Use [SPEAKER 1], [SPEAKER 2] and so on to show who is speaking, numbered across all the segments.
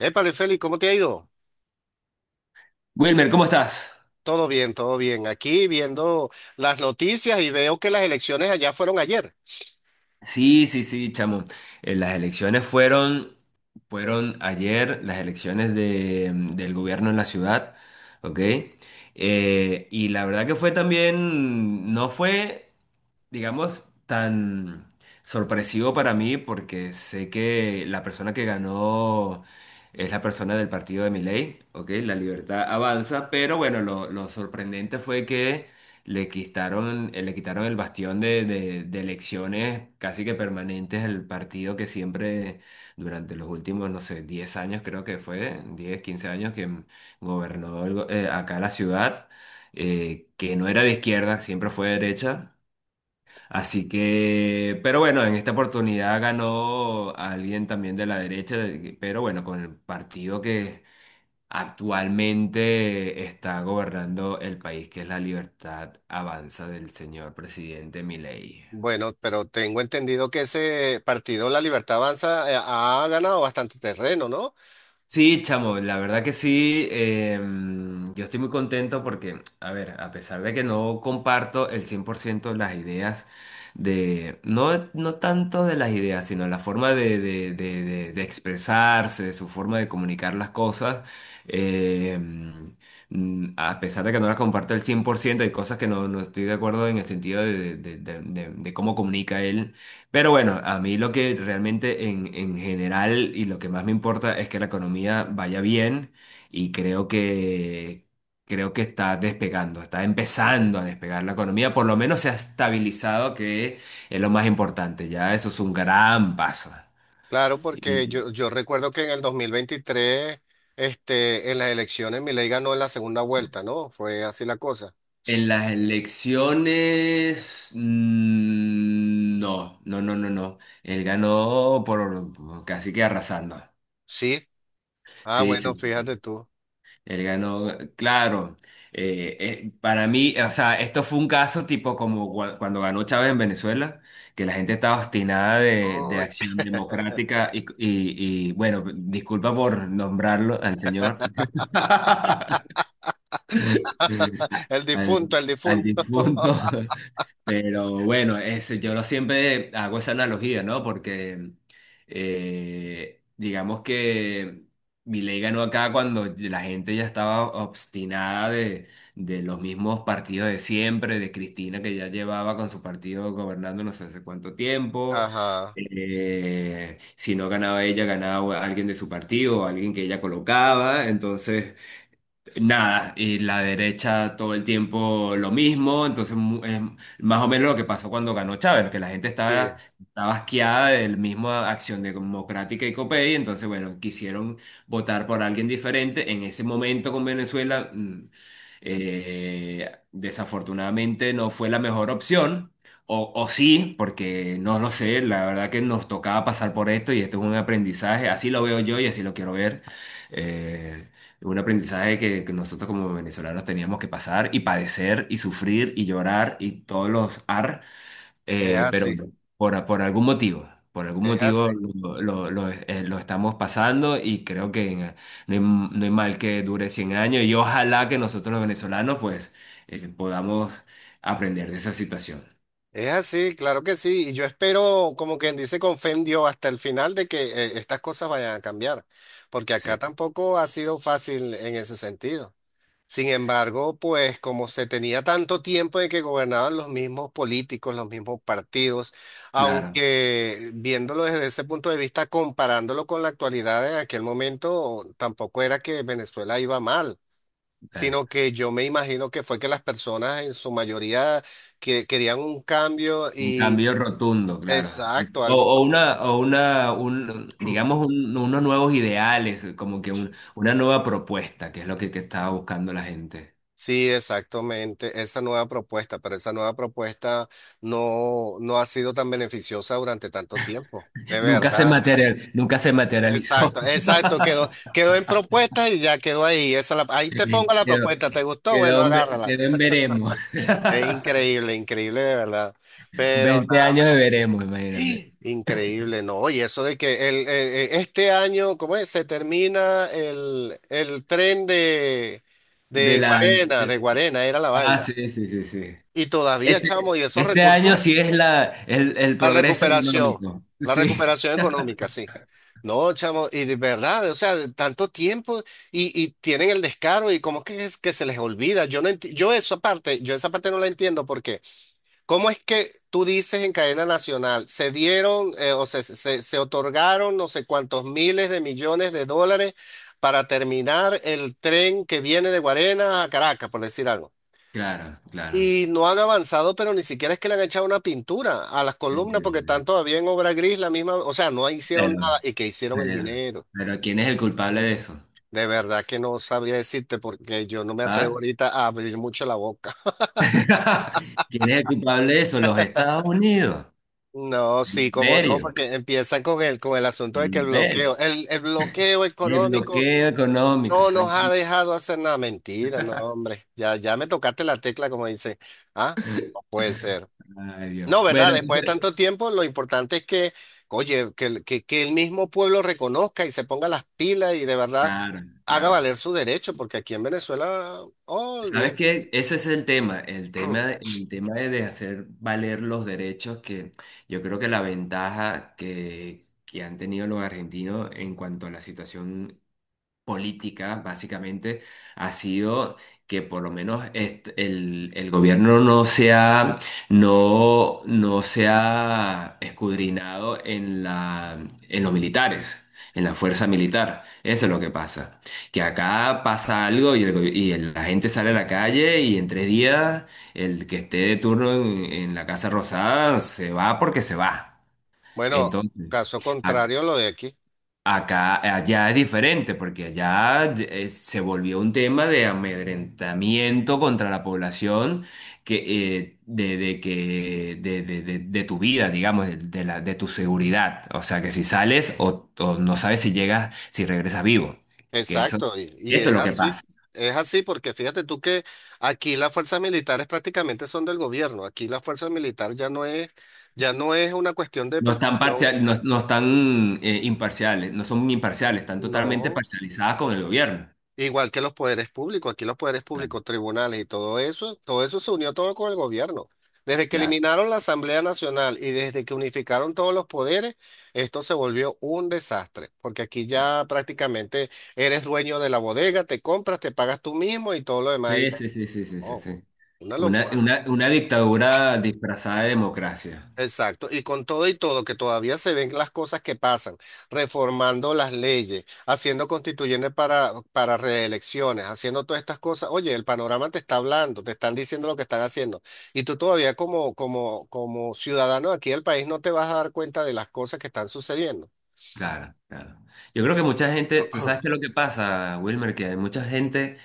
[SPEAKER 1] Épale, Félix, ¿cómo te ha ido?
[SPEAKER 2] Wilmer, ¿cómo estás?
[SPEAKER 1] Todo bien, todo bien. Aquí viendo las noticias y veo que las elecciones allá fueron ayer.
[SPEAKER 2] Sí, sí, sí, chamo. Las elecciones fueron, fueron ayer, las elecciones del gobierno en la ciudad, ¿ok? Y la verdad que fue también, no fue. Digamos, tan sorpresivo para mí porque sé que la persona que ganó es la persona del partido de Milei, ¿ok? La Libertad Avanza, pero bueno, lo sorprendente fue que le quitaron el bastión de, de elecciones casi que permanentes al partido que siempre durante los últimos, no sé, 10 años creo que fue, 10 15 años que gobernó acá la ciudad. Que no era de izquierda, siempre fue de derecha. Así que, pero bueno, en esta oportunidad ganó alguien también de la derecha, pero bueno, con el partido que actualmente está gobernando el país, que es La Libertad Avanza del señor presidente Milei.
[SPEAKER 1] Bueno, pero tengo entendido que ese partido, La Libertad Avanza, ha ganado bastante terreno, ¿no?
[SPEAKER 2] Sí, chamo, la verdad que sí. Yo estoy muy contento porque, a ver, a pesar de que no comparto el 100% las ideas de, no, no tanto de las ideas, sino la forma de, de expresarse, su forma de comunicar las cosas, em, a pesar de que no las comparto el 100%, hay cosas que no, no estoy de acuerdo en el sentido de, de cómo comunica él. Pero bueno, a mí lo que realmente en general y lo que más me importa es que la economía vaya bien y creo que está despegando, está empezando a despegar la economía, por lo menos se ha estabilizado, que es lo más importante, ya eso es un gran paso.
[SPEAKER 1] Claro, porque
[SPEAKER 2] Y
[SPEAKER 1] yo recuerdo que en el 2023, este, en las elecciones, Milei ganó en la segunda vuelta, ¿no? Fue así la cosa.
[SPEAKER 2] en las elecciones, no, no, no, no, no, él ganó por casi que arrasando.
[SPEAKER 1] Sí. Ah,
[SPEAKER 2] Sí,
[SPEAKER 1] bueno,
[SPEAKER 2] sí.
[SPEAKER 1] fíjate tú.
[SPEAKER 2] Él ganó, claro. Para mí, o sea, esto fue un caso tipo como cuando ganó Chávez en Venezuela, que la gente estaba obstinada de
[SPEAKER 1] ¡Ay!
[SPEAKER 2] Acción Democrática y, bueno, disculpa por nombrarlo al señor,
[SPEAKER 1] El
[SPEAKER 2] al,
[SPEAKER 1] difunto, el
[SPEAKER 2] al
[SPEAKER 1] difunto.
[SPEAKER 2] difunto. Pero bueno, yo lo siempre hago esa analogía, ¿no? Porque digamos que Milei ganó acá cuando la gente ya estaba obstinada de los mismos partidos de siempre, de Cristina que ya llevaba con su partido gobernando no sé hace cuánto tiempo.
[SPEAKER 1] Ajá.
[SPEAKER 2] Si no ganaba ella, ganaba alguien de su partido, o alguien que ella colocaba. Entonces... Nada, y la derecha todo el tiempo lo mismo, entonces es más o menos lo que pasó cuando ganó Chávez, que la gente estaba,
[SPEAKER 1] Sí,
[SPEAKER 2] estaba asqueada del mismo Acción Democrática y COPEI, entonces bueno, quisieron votar por alguien diferente. En ese momento con Venezuela, desafortunadamente no fue la mejor opción, o sí, porque no lo sé, la verdad que nos tocaba pasar por esto y esto es un aprendizaje, así lo veo yo y así lo quiero ver. eh, un aprendizaje que nosotros como venezolanos teníamos que pasar y padecer y sufrir y llorar y todos los ar,
[SPEAKER 1] es
[SPEAKER 2] pero
[SPEAKER 1] así,
[SPEAKER 2] no, por algún
[SPEAKER 1] es así,
[SPEAKER 2] motivo lo, lo estamos pasando y creo que no hay, no hay mal que dure 100 años y ojalá que nosotros los venezolanos pues podamos aprender de esa situación.
[SPEAKER 1] es así, claro que sí. Y yo espero, como quien dice, con fe en Dios hasta el final de que estas cosas vayan a cambiar, porque acá
[SPEAKER 2] Sí,
[SPEAKER 1] tampoco ha sido fácil en ese sentido. Sin embargo, pues como se tenía tanto tiempo de que gobernaban los mismos políticos, los mismos partidos,
[SPEAKER 2] claro.
[SPEAKER 1] aunque viéndolo desde ese punto de vista, comparándolo con la actualidad en aquel momento, tampoco era que Venezuela iba mal.
[SPEAKER 2] Claro.
[SPEAKER 1] Sino que yo me imagino que fue que las personas en su mayoría querían un cambio
[SPEAKER 2] Un
[SPEAKER 1] y
[SPEAKER 2] cambio rotundo, claro.
[SPEAKER 1] exacto, algo como...
[SPEAKER 2] O una, un, digamos, unos nuevos ideales, como que una nueva propuesta, que es lo que estaba buscando la gente.
[SPEAKER 1] Sí, exactamente, esa nueva propuesta, pero esa nueva propuesta no ha sido tan beneficiosa durante tanto tiempo, de
[SPEAKER 2] Nunca se
[SPEAKER 1] verdad. César.
[SPEAKER 2] material, nunca se materializó.
[SPEAKER 1] Exacto, exacto, quedó en propuesta y ya quedó ahí. Esa ahí te pongo la
[SPEAKER 2] Quedó,
[SPEAKER 1] propuesta, ¿te gustó? Bueno,
[SPEAKER 2] quedó en quedó
[SPEAKER 1] agárrala.
[SPEAKER 2] en veremos.
[SPEAKER 1] Es increíble, increíble de verdad. Pero
[SPEAKER 2] 20 años de veremos, imagínate.
[SPEAKER 1] increíble, ¿no? Y eso de que el, este año, ¿cómo es? Se termina el tren
[SPEAKER 2] De la, de-
[SPEAKER 1] De Guarena era la
[SPEAKER 2] ah,
[SPEAKER 1] vaina.
[SPEAKER 2] sí, sí, sí, sí.
[SPEAKER 1] Y todavía, chamo,
[SPEAKER 2] Este,
[SPEAKER 1] y esos
[SPEAKER 2] este año
[SPEAKER 1] recursos,
[SPEAKER 2] sí es la, el
[SPEAKER 1] la
[SPEAKER 2] progreso
[SPEAKER 1] recuperación,
[SPEAKER 2] económico.
[SPEAKER 1] la
[SPEAKER 2] Sí,
[SPEAKER 1] recuperación económica, sí. No, chamo, y de verdad, o sea, de tanto tiempo y tienen el descaro y cómo que es que se les olvida. Yo no enti- Yo esa parte, yo esa parte no la entiendo porque ¿cómo es que tú dices en cadena nacional, se dieron o se, se otorgaron no sé cuántos miles de millones de dólares para terminar el tren que viene de Guarena a Caracas, por decir algo?
[SPEAKER 2] claro, claro.
[SPEAKER 1] Y no han avanzado, pero ni siquiera es que le han echado una pintura a las
[SPEAKER 2] Sí,
[SPEAKER 1] columnas
[SPEAKER 2] sí,
[SPEAKER 1] porque
[SPEAKER 2] sí.
[SPEAKER 1] están todavía en obra gris, la misma, o sea, no hicieron
[SPEAKER 2] Claro.
[SPEAKER 1] nada y que hicieron el
[SPEAKER 2] Pero,
[SPEAKER 1] dinero.
[SPEAKER 2] pero ¿quién es el culpable de eso?
[SPEAKER 1] De verdad que no sabría decirte porque yo no me atrevo
[SPEAKER 2] ¿Ah?
[SPEAKER 1] ahorita a abrir mucho la boca.
[SPEAKER 2] ¿Quién es el culpable de eso? Los Estados Unidos.
[SPEAKER 1] No,
[SPEAKER 2] El
[SPEAKER 1] sí, cómo no,
[SPEAKER 2] imperio.
[SPEAKER 1] porque empiezan con el asunto
[SPEAKER 2] El
[SPEAKER 1] de que
[SPEAKER 2] imperio.
[SPEAKER 1] el bloqueo
[SPEAKER 2] El
[SPEAKER 1] económico
[SPEAKER 2] bloqueo económico,
[SPEAKER 1] no nos ha
[SPEAKER 2] exactamente.
[SPEAKER 1] dejado hacer nada. Mentira, no, hombre. Ya, ya me tocaste la tecla, como dice. Ah, no puede ser.
[SPEAKER 2] Ay, Dios.
[SPEAKER 1] No, ¿verdad?
[SPEAKER 2] Bueno,
[SPEAKER 1] Después de
[SPEAKER 2] entonces,
[SPEAKER 1] tanto tiempo, lo importante es que, oye, que, que el mismo pueblo reconozca y se ponga las pilas y de verdad
[SPEAKER 2] claro,
[SPEAKER 1] haga
[SPEAKER 2] claro.
[SPEAKER 1] valer su derecho, porque aquí en Venezuela,
[SPEAKER 2] ¿Sabes
[SPEAKER 1] olvida.
[SPEAKER 2] qué? Ese es el tema, el tema, el tema de hacer valer los derechos que yo creo que la ventaja que han tenido los argentinos en cuanto a la situación política, básicamente, ha sido que por lo menos el gobierno no se ha, no, no se ha escudriñado en los militares. En la fuerza militar. Eso es lo que pasa. Que acá pasa algo y, el go- y el- la gente sale a la calle y en 3 días el que esté de turno en la Casa Rosada se va porque se va.
[SPEAKER 1] Bueno,
[SPEAKER 2] Entonces,
[SPEAKER 1] caso contrario, lo de aquí.
[SPEAKER 2] acá, allá es diferente, porque allá se volvió un tema de amedrentamiento contra la población que, de, de tu vida, digamos, de tu seguridad. O sea, que si sales o no sabes si llegas, si regresas vivo. Que eso,
[SPEAKER 1] Exacto, y
[SPEAKER 2] eso
[SPEAKER 1] es
[SPEAKER 2] es lo que
[SPEAKER 1] así.
[SPEAKER 2] pasa.
[SPEAKER 1] Es así porque fíjate tú que aquí las fuerzas militares prácticamente son del gobierno. Aquí la fuerza militar ya no es una cuestión de
[SPEAKER 2] No están
[SPEAKER 1] protección,
[SPEAKER 2] parcial, no, no están imparciales, no son imparciales, están totalmente
[SPEAKER 1] no.
[SPEAKER 2] parcializadas con el gobierno.
[SPEAKER 1] Igual que los poderes públicos, aquí los poderes
[SPEAKER 2] Claro.
[SPEAKER 1] públicos, tribunales y todo eso se unió todo con el gobierno. Desde que
[SPEAKER 2] Claro.
[SPEAKER 1] eliminaron la Asamblea Nacional y desde que unificaron todos los poderes, esto se volvió un desastre, porque aquí ya prácticamente eres dueño de la bodega, te compras, te pagas tú mismo y todo lo demás.
[SPEAKER 2] Sí, sí, sí, sí, sí, sí,
[SPEAKER 1] Oh,
[SPEAKER 2] sí.
[SPEAKER 1] una locura.
[SPEAKER 2] Una dictadura disfrazada de democracia.
[SPEAKER 1] Exacto. Y con todo y todo, que todavía se ven las cosas que pasan, reformando las leyes, haciendo constituyentes para reelecciones, haciendo todas estas cosas. Oye, el panorama te está hablando, te están diciendo lo que están haciendo. Y tú todavía como, como, como ciudadano aquí del país no te vas a dar cuenta de las cosas que están sucediendo.
[SPEAKER 2] Claro, claro. Yo creo que mucha gente, tú sabes qué es lo que pasa, Wilmer, que hay mucha gente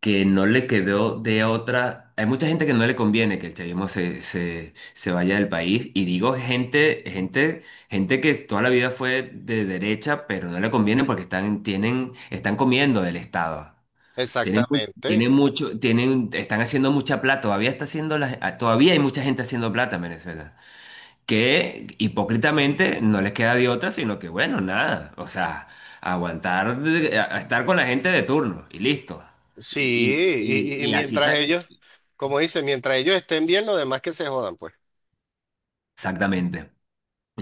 [SPEAKER 2] que no le quedó de otra, hay mucha gente que no le conviene que el chavismo se vaya del país. Y digo gente, gente, gente que toda la vida fue de derecha, pero no le conviene porque están, tienen, están comiendo del Estado. Tienen, tienen
[SPEAKER 1] Exactamente.
[SPEAKER 2] mucho, tienen, están haciendo mucha plata, todavía está haciendo todavía hay mucha gente haciendo plata en Venezuela. Que hipócritamente no les queda de otra, sino que bueno, nada, o sea, aguantar, a estar con la gente de turno y listo.
[SPEAKER 1] Sí,
[SPEAKER 2] Y, y-
[SPEAKER 1] y
[SPEAKER 2] y- y así,
[SPEAKER 1] mientras
[SPEAKER 2] ta-
[SPEAKER 1] ellos, como dice, mientras ellos estén bien, los demás que se jodan, pues.
[SPEAKER 2] exactamente.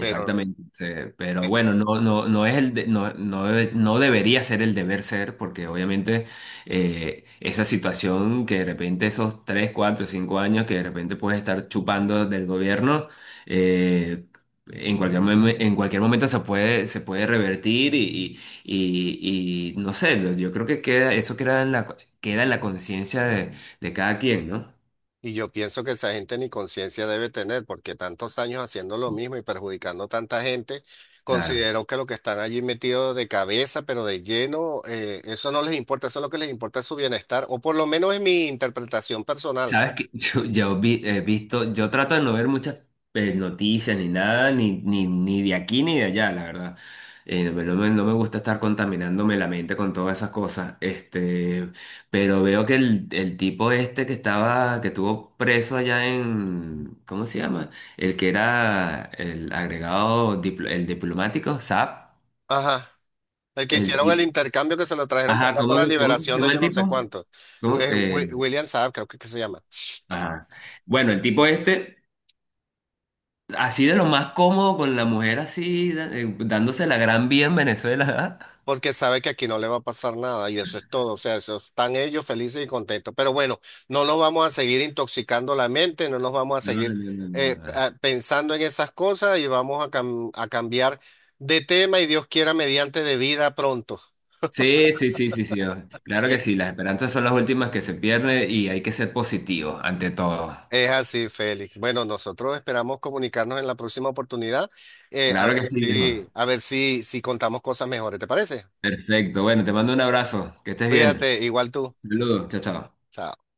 [SPEAKER 1] Pero
[SPEAKER 2] sí, pero
[SPEAKER 1] eh,
[SPEAKER 2] bueno, no, no, no es no, no, no debería ser el deber ser, porque obviamente esa situación que de repente esos 3 4 5 años que de repente puedes estar chupando del gobierno, eh, en cualquier, en cualquier momento se puede revertir y no sé, yo creo que queda, eso queda en la conciencia de cada quien, ¿no?
[SPEAKER 1] y yo pienso que esa gente ni conciencia debe tener, porque tantos años haciendo lo mismo y perjudicando a tanta gente,
[SPEAKER 2] Claro.
[SPEAKER 1] considero que lo que están allí metidos de cabeza, pero de lleno, eso no les importa, eso lo que les importa es su bienestar, o por lo menos es mi interpretación personal.
[SPEAKER 2] Sabes que yo, he visto, yo trato de no ver muchas noticias ni nada, ni, ni, ni de aquí ni de allá, la verdad. No me gusta estar contaminándome la mente con todas esas cosas. Este, pero veo que el tipo este que estaba, que estuvo preso allá en, ¿cómo se llama? El que era el agregado, el diplomático, SAP.
[SPEAKER 1] Ajá, el que
[SPEAKER 2] El,
[SPEAKER 1] hicieron el
[SPEAKER 2] tipo.
[SPEAKER 1] intercambio que se lo trajeron para
[SPEAKER 2] Ajá,
[SPEAKER 1] acá por
[SPEAKER 2] ¿cómo,
[SPEAKER 1] la
[SPEAKER 2] cómo se
[SPEAKER 1] liberación de
[SPEAKER 2] llama
[SPEAKER 1] yo
[SPEAKER 2] el
[SPEAKER 1] no sé
[SPEAKER 2] tipo?
[SPEAKER 1] cuánto,
[SPEAKER 2] ¿Cómo?
[SPEAKER 1] William Saab creo que se llama.
[SPEAKER 2] Ajá. Bueno, el tipo este. Así de lo más cómodo con la mujer así, dándose la gran vía en Venezuela.
[SPEAKER 1] Porque sabe que aquí no le va a pasar nada y eso es todo, o sea, eso están ellos felices y contentos. Pero bueno, no nos vamos a seguir intoxicando la mente, no nos vamos a
[SPEAKER 2] No, no, no,
[SPEAKER 1] seguir
[SPEAKER 2] no, no.
[SPEAKER 1] pensando en esas cosas y vamos a, a cambiar de tema y Dios quiera mediante de vida pronto.
[SPEAKER 2] Sí, sí, sí, sí, sí. Oh, claro que sí, las esperanzas son las últimas que se pierden y hay que ser positivos ante todo.
[SPEAKER 1] Es así, Félix. Bueno, nosotros esperamos comunicarnos en la próxima oportunidad,
[SPEAKER 2] Claro que sí, viejo.
[SPEAKER 1] a ver si, si contamos cosas mejores, ¿te parece?
[SPEAKER 2] Perfecto. Bueno, te mando un abrazo. Que estés bien.
[SPEAKER 1] Cuídate, igual tú.
[SPEAKER 2] Saludos. Chao, chao.
[SPEAKER 1] Chao.